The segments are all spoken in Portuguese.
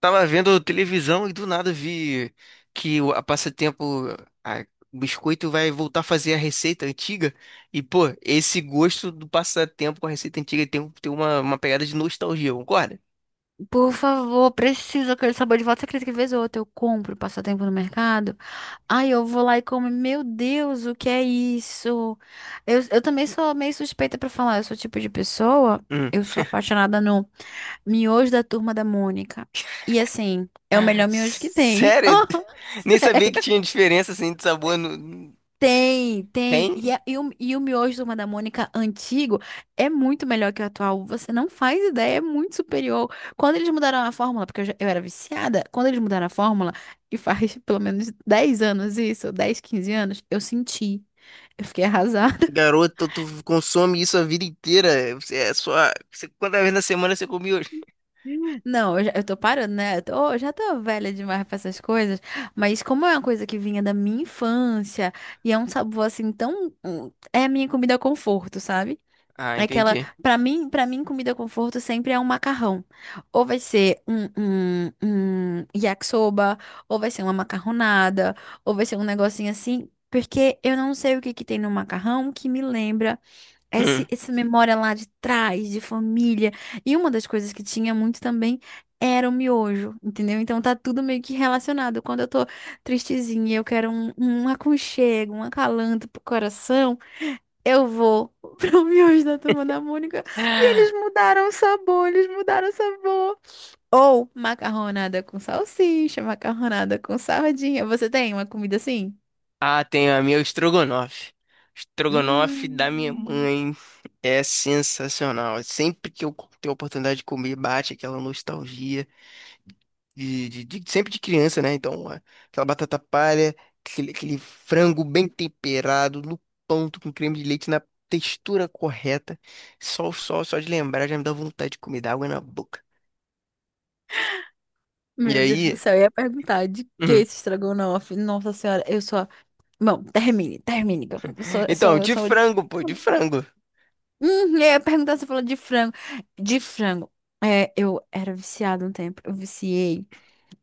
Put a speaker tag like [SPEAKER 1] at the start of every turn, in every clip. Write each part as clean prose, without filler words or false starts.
[SPEAKER 1] Tava vendo televisão e do nada vi a passatempo, a- o biscoito vai voltar a fazer a receita antiga. E, pô, esse gosto do passatempo com a receita antiga tem uma pegada de nostalgia, concorda?
[SPEAKER 2] Por favor, preciso aquele sabor de volta. Você acredita que vez ou outra eu compro passatempo no mercado? Ai, eu vou lá e como. Meu Deus, o que é isso? Eu também sou meio suspeita pra falar. Eu sou o tipo de pessoa.
[SPEAKER 1] Hum.
[SPEAKER 2] Eu sou apaixonada no miojo da Turma da Mônica. E assim, é o melhor miojo que tem.
[SPEAKER 1] Sério? Nem sabia
[SPEAKER 2] Sério.
[SPEAKER 1] que tinha diferença assim de sabor.
[SPEAKER 2] Tem, tem. E,
[SPEAKER 1] Tem?
[SPEAKER 2] a- e, o, e o miojo do Turma da Mônica antigo é muito melhor que o atual. Você não faz ideia, é muito superior. Quando eles mudaram a fórmula, porque eu era viciada, quando eles mudaram a fórmula, e faz pelo menos 10 anos isso, 10, 15 anos, eu senti. Eu fiquei arrasada.
[SPEAKER 1] Garoto, tu consome isso a vida inteira. Você é só. Quantas vezes na semana você come hoje?
[SPEAKER 2] Não, eu, já, eu tô parando, né? Eu já tô velha demais pra essas coisas. Mas como é uma coisa que vinha da minha infância, e é um sabor assim tão, é a minha comida conforto, sabe?
[SPEAKER 1] Ah,
[SPEAKER 2] Aquela,
[SPEAKER 1] entendi.
[SPEAKER 2] para mim, comida conforto sempre é um macarrão. Ou vai ser um, um, um yakisoba, ou vai ser uma macarronada, ou vai ser um negocinho assim, porque eu não sei o que que tem no macarrão que me lembra
[SPEAKER 1] Hum.
[SPEAKER 2] essa memória lá de trás, de família. E uma das coisas que tinha muito também era o miojo, entendeu? Então tá tudo meio que relacionado. Quando eu tô tristezinha, eu quero um aconchego, um acalanto pro coração. Eu vou pro miojo da Turma da Mônica. E eles mudaram o sabor, eles mudaram o sabor. Ou macarronada com salsicha, macarronada com sardinha. Você tem uma comida assim?
[SPEAKER 1] Ah, tem a minha estrogonofe. Estrogonofe da minha
[SPEAKER 2] Hum,
[SPEAKER 1] mãe é sensacional. Sempre que eu tenho a oportunidade de comer, bate aquela nostalgia sempre de criança, né? Então, aquela batata palha, aquele frango bem temperado, no ponto, com creme de leite, na textura correta. Só de lembrar já me dá vontade de comer, dá água na boca. E
[SPEAKER 2] Meu Deus do
[SPEAKER 1] aí?
[SPEAKER 2] céu, eu ia perguntar de que
[SPEAKER 1] Uhum.
[SPEAKER 2] esse estrogonofe? Nossa senhora, eu só. Bom, termine, termine. que Eu eu sou, eu
[SPEAKER 1] Então,
[SPEAKER 2] sou, eu
[SPEAKER 1] de
[SPEAKER 2] sou...
[SPEAKER 1] frango, pô, de frango.
[SPEAKER 2] Eu ia perguntar, você falou de frango. De frango. É, eu era viciada um tempo. Eu viciei.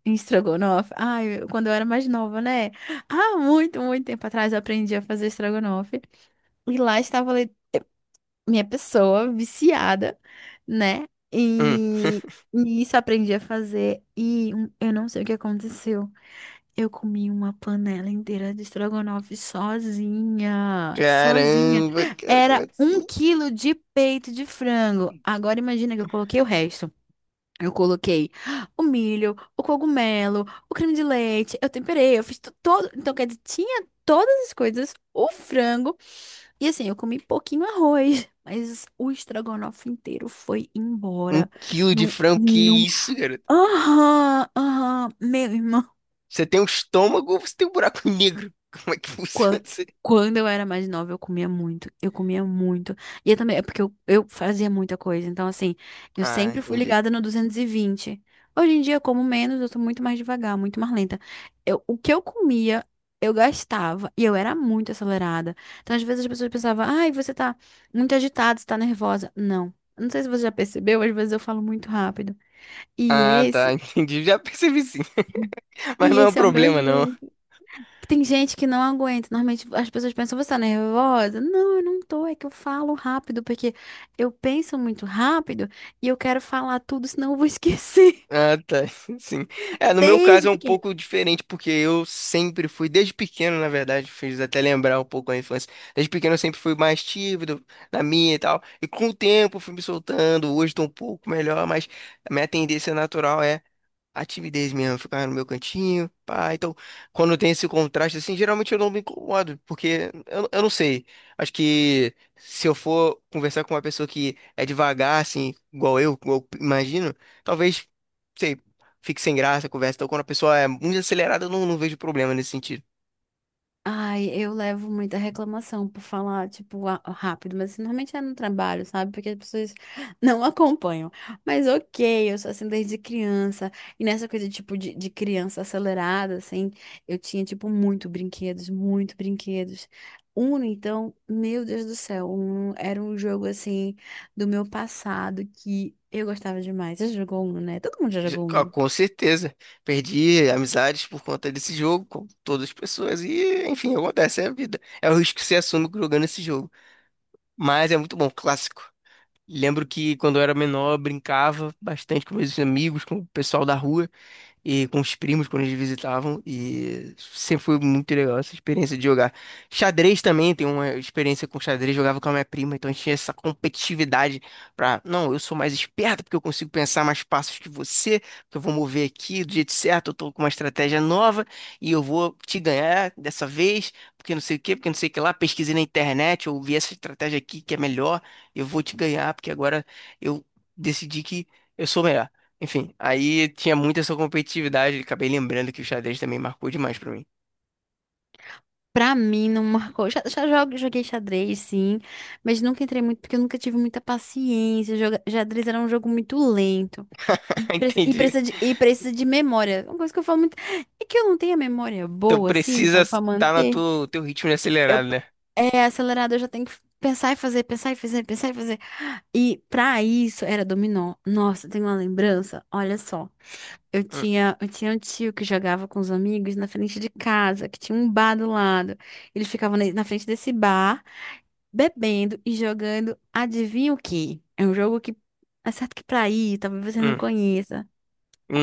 [SPEAKER 2] Em estrogonofe. Ai, quando eu era mais nova, né? Há muito, muito tempo atrás eu aprendi a fazer estrogonofe. E lá estava minha pessoa viciada, né?
[SPEAKER 1] Hum.
[SPEAKER 2] E, e isso eu aprendi a fazer. E eu não sei o que aconteceu. Eu comi uma panela inteira de estrogonofe sozinha. Sozinha.
[SPEAKER 1] Caramba, cara, como
[SPEAKER 2] Era um
[SPEAKER 1] assim?
[SPEAKER 2] quilo de peito de frango. Agora imagina que eu coloquei o resto. Eu coloquei o milho, o cogumelo, o creme de leite, eu temperei, eu fiz todo. Então, quer dizer, tinha todas as coisas, o frango. E assim, eu comi pouquinho arroz, mas o estrogonofe inteiro foi
[SPEAKER 1] Um
[SPEAKER 2] embora.
[SPEAKER 1] quilo de
[SPEAKER 2] Num,
[SPEAKER 1] frango, que
[SPEAKER 2] num...
[SPEAKER 1] isso, cara?
[SPEAKER 2] Aham, aham, meu irmão.
[SPEAKER 1] Você tem um estômago ou você tem um buraco negro? Como é que funciona
[SPEAKER 2] Qua-
[SPEAKER 1] isso aí?
[SPEAKER 2] Quando eu era mais nova, eu comia muito. Eu comia muito. E eu também, é porque eu fazia muita coisa. Então, assim, eu
[SPEAKER 1] Ah,
[SPEAKER 2] sempre fui
[SPEAKER 1] entendi.
[SPEAKER 2] ligada no 220. Hoje em dia, eu como menos, eu sou muito mais devagar, muito mais lenta. Eu, o que eu comia, eu gastava. E eu era muito acelerada. Então, às vezes, as pessoas pensavam, ai, você tá muito agitada, você tá nervosa. Não. Não sei se você já percebeu, às vezes eu falo muito rápido. E
[SPEAKER 1] Ah, tá,
[SPEAKER 2] esse,
[SPEAKER 1] entendi. Já percebi, sim. Mas
[SPEAKER 2] e
[SPEAKER 1] não é um
[SPEAKER 2] esse é o meu
[SPEAKER 1] problema, não.
[SPEAKER 2] jeito. Tem gente que não aguenta. Normalmente as pessoas pensam, você tá nervosa? Não, eu não tô. É que eu falo rápido, porque eu penso muito rápido e eu quero falar tudo, senão eu vou esquecer.
[SPEAKER 1] Ah, tá, sim. É, no meu caso
[SPEAKER 2] Desde
[SPEAKER 1] é um
[SPEAKER 2] pequena.
[SPEAKER 1] pouco diferente, porque eu sempre fui, desde pequeno, na verdade, fez até lembrar um pouco a infância. Desde pequeno eu sempre fui mais tímido na minha e tal. E com o tempo fui me soltando. Hoje tô um pouco melhor, mas a minha tendência natural é a timidez mesmo, ficar no meu cantinho, pá. Então, quando tem esse contraste, assim, geralmente eu não me incomodo, porque eu não sei. Acho que se eu for conversar com uma pessoa que é devagar, assim, igual eu imagino, talvez, sei, fique sem graça a conversa. Então, quando a pessoa é muito acelerada, eu não vejo problema nesse sentido.
[SPEAKER 2] Ai, eu levo muita reclamação por falar, tipo, rápido, mas assim, normalmente é no trabalho, sabe? Porque as pessoas não acompanham. Mas ok, eu sou assim desde criança. E nessa coisa, tipo, de criança acelerada, assim, eu tinha, tipo, muito brinquedos, muito brinquedos. Uno, então, meu Deus do céu, Uno era um jogo, assim, do meu passado que eu gostava demais. Você jogou Uno, né? Todo mundo já jogou
[SPEAKER 1] Ah,
[SPEAKER 2] Uno.
[SPEAKER 1] com certeza, perdi amizades por conta desse jogo, com todas as pessoas, e enfim, acontece, é a vida. É o risco que você assume jogando esse jogo. Mas é muito bom, clássico. Lembro que quando eu era menor, eu brincava bastante com meus amigos, com o pessoal da rua e com os primos quando eles visitavam e sempre foi muito legal essa experiência de jogar. Xadrez também, tem uma experiência com xadrez, jogava com a minha prima, então a gente tinha essa competitividade pra, não, eu sou mais esperto porque eu consigo pensar mais passos que você, porque eu vou mover aqui do jeito certo, eu tô com uma estratégia nova e eu vou te ganhar dessa vez, porque não sei o quê, porque não sei o que lá, pesquisei na internet, eu vi essa estratégia aqui que é melhor, eu vou te ganhar porque agora eu decidi que eu sou melhor. Enfim, aí tinha muita essa competitividade, acabei lembrando que o xadrez também marcou demais pra mim.
[SPEAKER 2] Pra mim não marcou. Já joguei xadrez, sim, mas nunca entrei muito porque eu nunca tive muita paciência. Xadrez era um jogo muito lento e, pre- e
[SPEAKER 1] Entendi.
[SPEAKER 2] precisa de, e precisa de memória. É uma coisa que eu falo muito é que eu não tenho a memória
[SPEAKER 1] Então
[SPEAKER 2] boa, assim,
[SPEAKER 1] precisa
[SPEAKER 2] pra
[SPEAKER 1] estar no
[SPEAKER 2] manter.
[SPEAKER 1] teu ritmo de
[SPEAKER 2] Eu,
[SPEAKER 1] acelerado, né?
[SPEAKER 2] é acelerado, eu já tenho que pensar e fazer, pensar e fazer, pensar e fazer. E pra isso era dominó. Nossa, tem uma lembrança, olha só. Eu
[SPEAKER 1] Hum,
[SPEAKER 2] tinha, eu tinha um tio que jogava com os amigos na frente de casa, que tinha um bar do lado. Ele ficava na frente desse bar, bebendo e jogando, adivinha o quê? É um jogo que é certo que pra ir, talvez você não
[SPEAKER 1] hum,
[SPEAKER 2] conheça.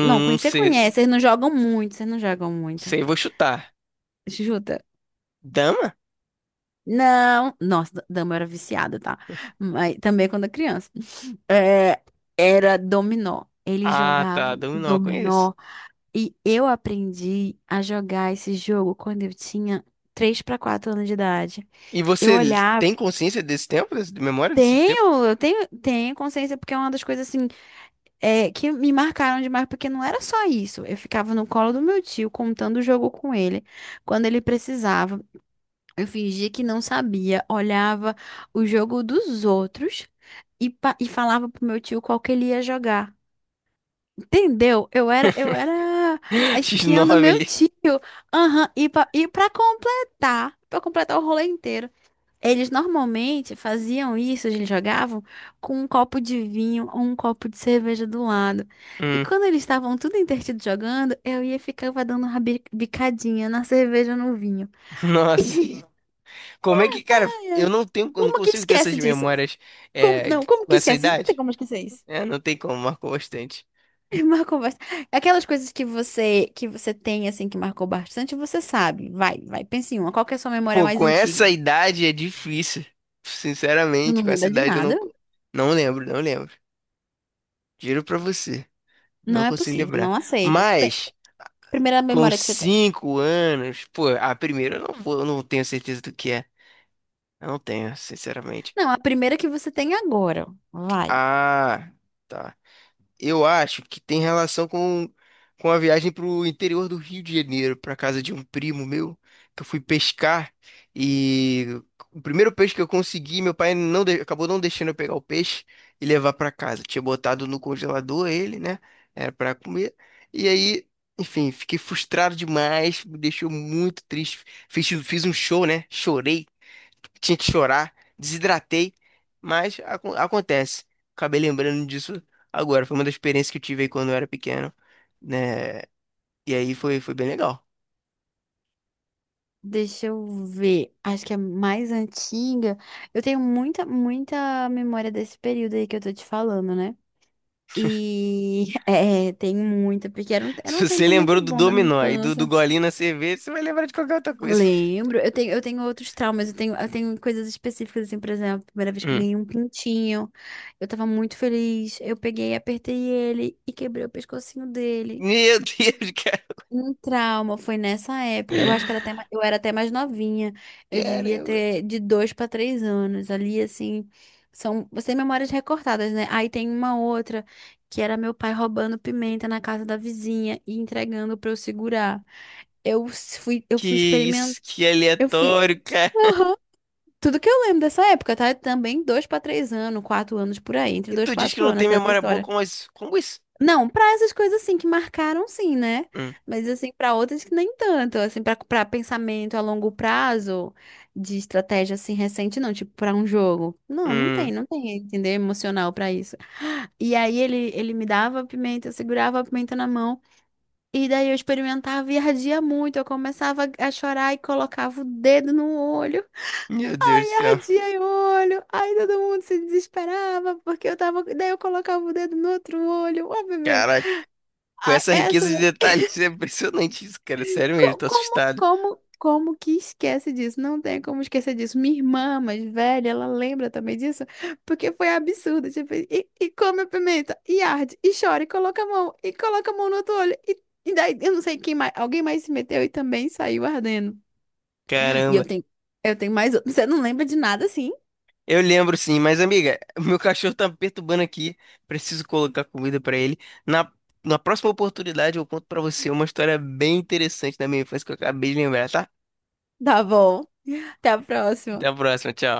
[SPEAKER 2] Não, conhecer
[SPEAKER 1] sei,
[SPEAKER 2] conhece, eles não jogam muito, vocês não jogam muito.
[SPEAKER 1] sei, vou chutar.
[SPEAKER 2] Chuta.
[SPEAKER 1] Dama?
[SPEAKER 2] Não, nossa, dama eu era viciada, tá? Mas também quando criança. É, era dominó. Eles
[SPEAKER 1] Ah, tá,
[SPEAKER 2] jogavam
[SPEAKER 1] dama não, eu conheço.
[SPEAKER 2] dominó. E eu aprendi a jogar esse jogo quando eu tinha 3 a 4 anos de idade.
[SPEAKER 1] E
[SPEAKER 2] Eu
[SPEAKER 1] você
[SPEAKER 2] olhava.
[SPEAKER 1] tem consciência desse tempo, de memória desse tempo?
[SPEAKER 2] Tenho consciência, porque é uma das coisas assim, é, que me marcaram demais, porque não era só isso. Eu ficava no colo do meu tio, contando o jogo com ele, quando ele precisava. Eu fingia que não sabia, olhava o jogo dos outros e falava pro meu tio qual que ele ia jogar. Entendeu? Eu era a espiã do
[SPEAKER 1] X9
[SPEAKER 2] meu
[SPEAKER 1] ali.
[SPEAKER 2] tio. Aham, pra completar o rolê inteiro, eles normalmente faziam isso, eles jogavam com um copo de vinho ou um copo de cerveja do lado. E
[SPEAKER 1] Hum,
[SPEAKER 2] quando eles estavam tudo entretido jogando, eu ia e ficava dando uma bicadinha na cerveja ou no vinho.
[SPEAKER 1] nossa. Como é que, cara,
[SPEAKER 2] Ai,
[SPEAKER 1] eu
[SPEAKER 2] ai.
[SPEAKER 1] não tenho, eu não
[SPEAKER 2] Como que
[SPEAKER 1] consigo ter essas
[SPEAKER 2] esquece disso?
[SPEAKER 1] memórias
[SPEAKER 2] Como,
[SPEAKER 1] é,
[SPEAKER 2] não, como
[SPEAKER 1] com
[SPEAKER 2] que
[SPEAKER 1] essa
[SPEAKER 2] esquece isso? Não tem
[SPEAKER 1] idade?
[SPEAKER 2] como esquecer isso.
[SPEAKER 1] É, não tem como, marcou bastante.
[SPEAKER 2] Marcou bastante. Aquelas coisas que você tem assim que marcou bastante, você sabe. Vai, vai, pense em uma. Qual que é a sua memória
[SPEAKER 1] Pô,
[SPEAKER 2] mais
[SPEAKER 1] com essa
[SPEAKER 2] antiga?
[SPEAKER 1] idade é difícil.
[SPEAKER 2] Tu
[SPEAKER 1] Sinceramente,
[SPEAKER 2] não
[SPEAKER 1] com essa
[SPEAKER 2] lembra de
[SPEAKER 1] idade eu não,
[SPEAKER 2] nada?
[SPEAKER 1] não lembro, não lembro. Juro pra você,
[SPEAKER 2] Não
[SPEAKER 1] não
[SPEAKER 2] é
[SPEAKER 1] consigo
[SPEAKER 2] possível,
[SPEAKER 1] lembrar.
[SPEAKER 2] não aceito. Pe-
[SPEAKER 1] Mas,
[SPEAKER 2] primeira
[SPEAKER 1] com
[SPEAKER 2] memória que você tem.
[SPEAKER 1] cinco anos, pô, a primeira eu não vou, eu não tenho certeza do que é. Eu não tenho, sinceramente.
[SPEAKER 2] Não, a primeira que você tem agora. Vai.
[SPEAKER 1] Ah, tá. Eu acho que tem relação com a viagem para o interior do Rio de Janeiro, para casa de um primo meu, que eu fui pescar e o primeiro peixe que eu consegui, meu pai acabou não deixando eu pegar o peixe e levar para casa. Tinha botado no congelador ele, né? Era para comer. E aí, enfim, fiquei frustrado demais, me deixou muito triste. Fiz um show, né? Chorei tinha que chorar, desidratei, mas acontece. Acabei lembrando disso agora. Foi uma das experiências que eu tive aí quando eu era pequeno, né? E aí foi, foi bem legal.
[SPEAKER 2] Deixa eu ver. Acho que é mais antiga. Eu tenho muita, muita memória desse período aí que eu tô te falando, né? E é, tenho muita, porque era um, era um
[SPEAKER 1] Se você
[SPEAKER 2] tempo
[SPEAKER 1] lembrou
[SPEAKER 2] muito
[SPEAKER 1] do
[SPEAKER 2] bom da minha
[SPEAKER 1] dominó e do
[SPEAKER 2] infância.
[SPEAKER 1] golinho na cerveja, você vai lembrar de qualquer outra coisa.
[SPEAKER 2] Lembro, eu tenho outros traumas, eu tenho coisas específicas, assim, por exemplo, a primeira vez que eu
[SPEAKER 1] Hum.
[SPEAKER 2] ganhei um pintinho, eu tava muito feliz, eu peguei, apertei ele e quebrei o pescocinho dele.
[SPEAKER 1] Meu Deus, cara.
[SPEAKER 2] Um trauma, foi nessa época, eu acho que era até, eu era até mais novinha, eu devia
[SPEAKER 1] Caramba.
[SPEAKER 2] ter de 2 a 3 anos, ali, assim, são memórias recortadas, né? Aí tem uma outra, que era meu pai roubando pimenta na casa da vizinha e entregando pra eu segurar. Eu s- fui, eu
[SPEAKER 1] Que
[SPEAKER 2] fui
[SPEAKER 1] isso, que
[SPEAKER 2] eu fui.
[SPEAKER 1] aleatório, cara.
[SPEAKER 2] Aham. Tudo que eu lembro dessa época, tá? É também 2 a 3 anos, 4 anos por aí, entre
[SPEAKER 1] E
[SPEAKER 2] dois e
[SPEAKER 1] tu diz que
[SPEAKER 2] quatro
[SPEAKER 1] não
[SPEAKER 2] anos,
[SPEAKER 1] tem
[SPEAKER 2] essas
[SPEAKER 1] memória boa
[SPEAKER 2] histórias.
[SPEAKER 1] como isso? Como isso?
[SPEAKER 2] Não, pra essas coisas assim que marcaram, sim, né?
[SPEAKER 1] Hum,
[SPEAKER 2] Mas assim, pra outras que nem tanto, assim, pra para pensamento a longo prazo de estratégia assim recente, não, tipo pra um jogo. Não, não
[SPEAKER 1] hum.
[SPEAKER 2] tem, não tem, entender emocional pra isso. E aí ele me dava a pimenta, eu segurava a pimenta na mão, e daí eu experimentava e ardia muito, eu começava a chorar e colocava o dedo no olho.
[SPEAKER 1] Meu Deus do céu.
[SPEAKER 2] Ardia o olho, aí todo mundo se desesperava, porque eu tava. Daí eu colocava o dedo no outro olho, ó, bebê.
[SPEAKER 1] Caraca. Com
[SPEAKER 2] Ah,
[SPEAKER 1] essa
[SPEAKER 2] essa.
[SPEAKER 1] riqueza de detalhes, é impressionante isso, cara. Sério mesmo,
[SPEAKER 2] co-
[SPEAKER 1] tô
[SPEAKER 2] Como,
[SPEAKER 1] assustado.
[SPEAKER 2] como, como que esquece disso? Não tem como esquecer disso. Minha irmã mais velha, ela lembra também disso, porque foi absurdo. Tipo, e come a pimenta, e arde, e chora, e coloca a mão, e coloca a mão no outro olho. E daí, eu não sei quem mais. Alguém mais se meteu e também saiu ardendo. E eu
[SPEAKER 1] Caramba.
[SPEAKER 2] tenho, eu tenho mais outro. Você não lembra de nada assim?
[SPEAKER 1] Eu lembro, sim, mas amiga, meu cachorro tá me perturbando aqui. Preciso colocar comida pra ele. Na, na próxima oportunidade, eu conto pra você uma história bem interessante da minha infância que eu acabei de lembrar, tá?
[SPEAKER 2] Tá bom. Até a
[SPEAKER 1] Até a
[SPEAKER 2] próxima.
[SPEAKER 1] próxima, tchau.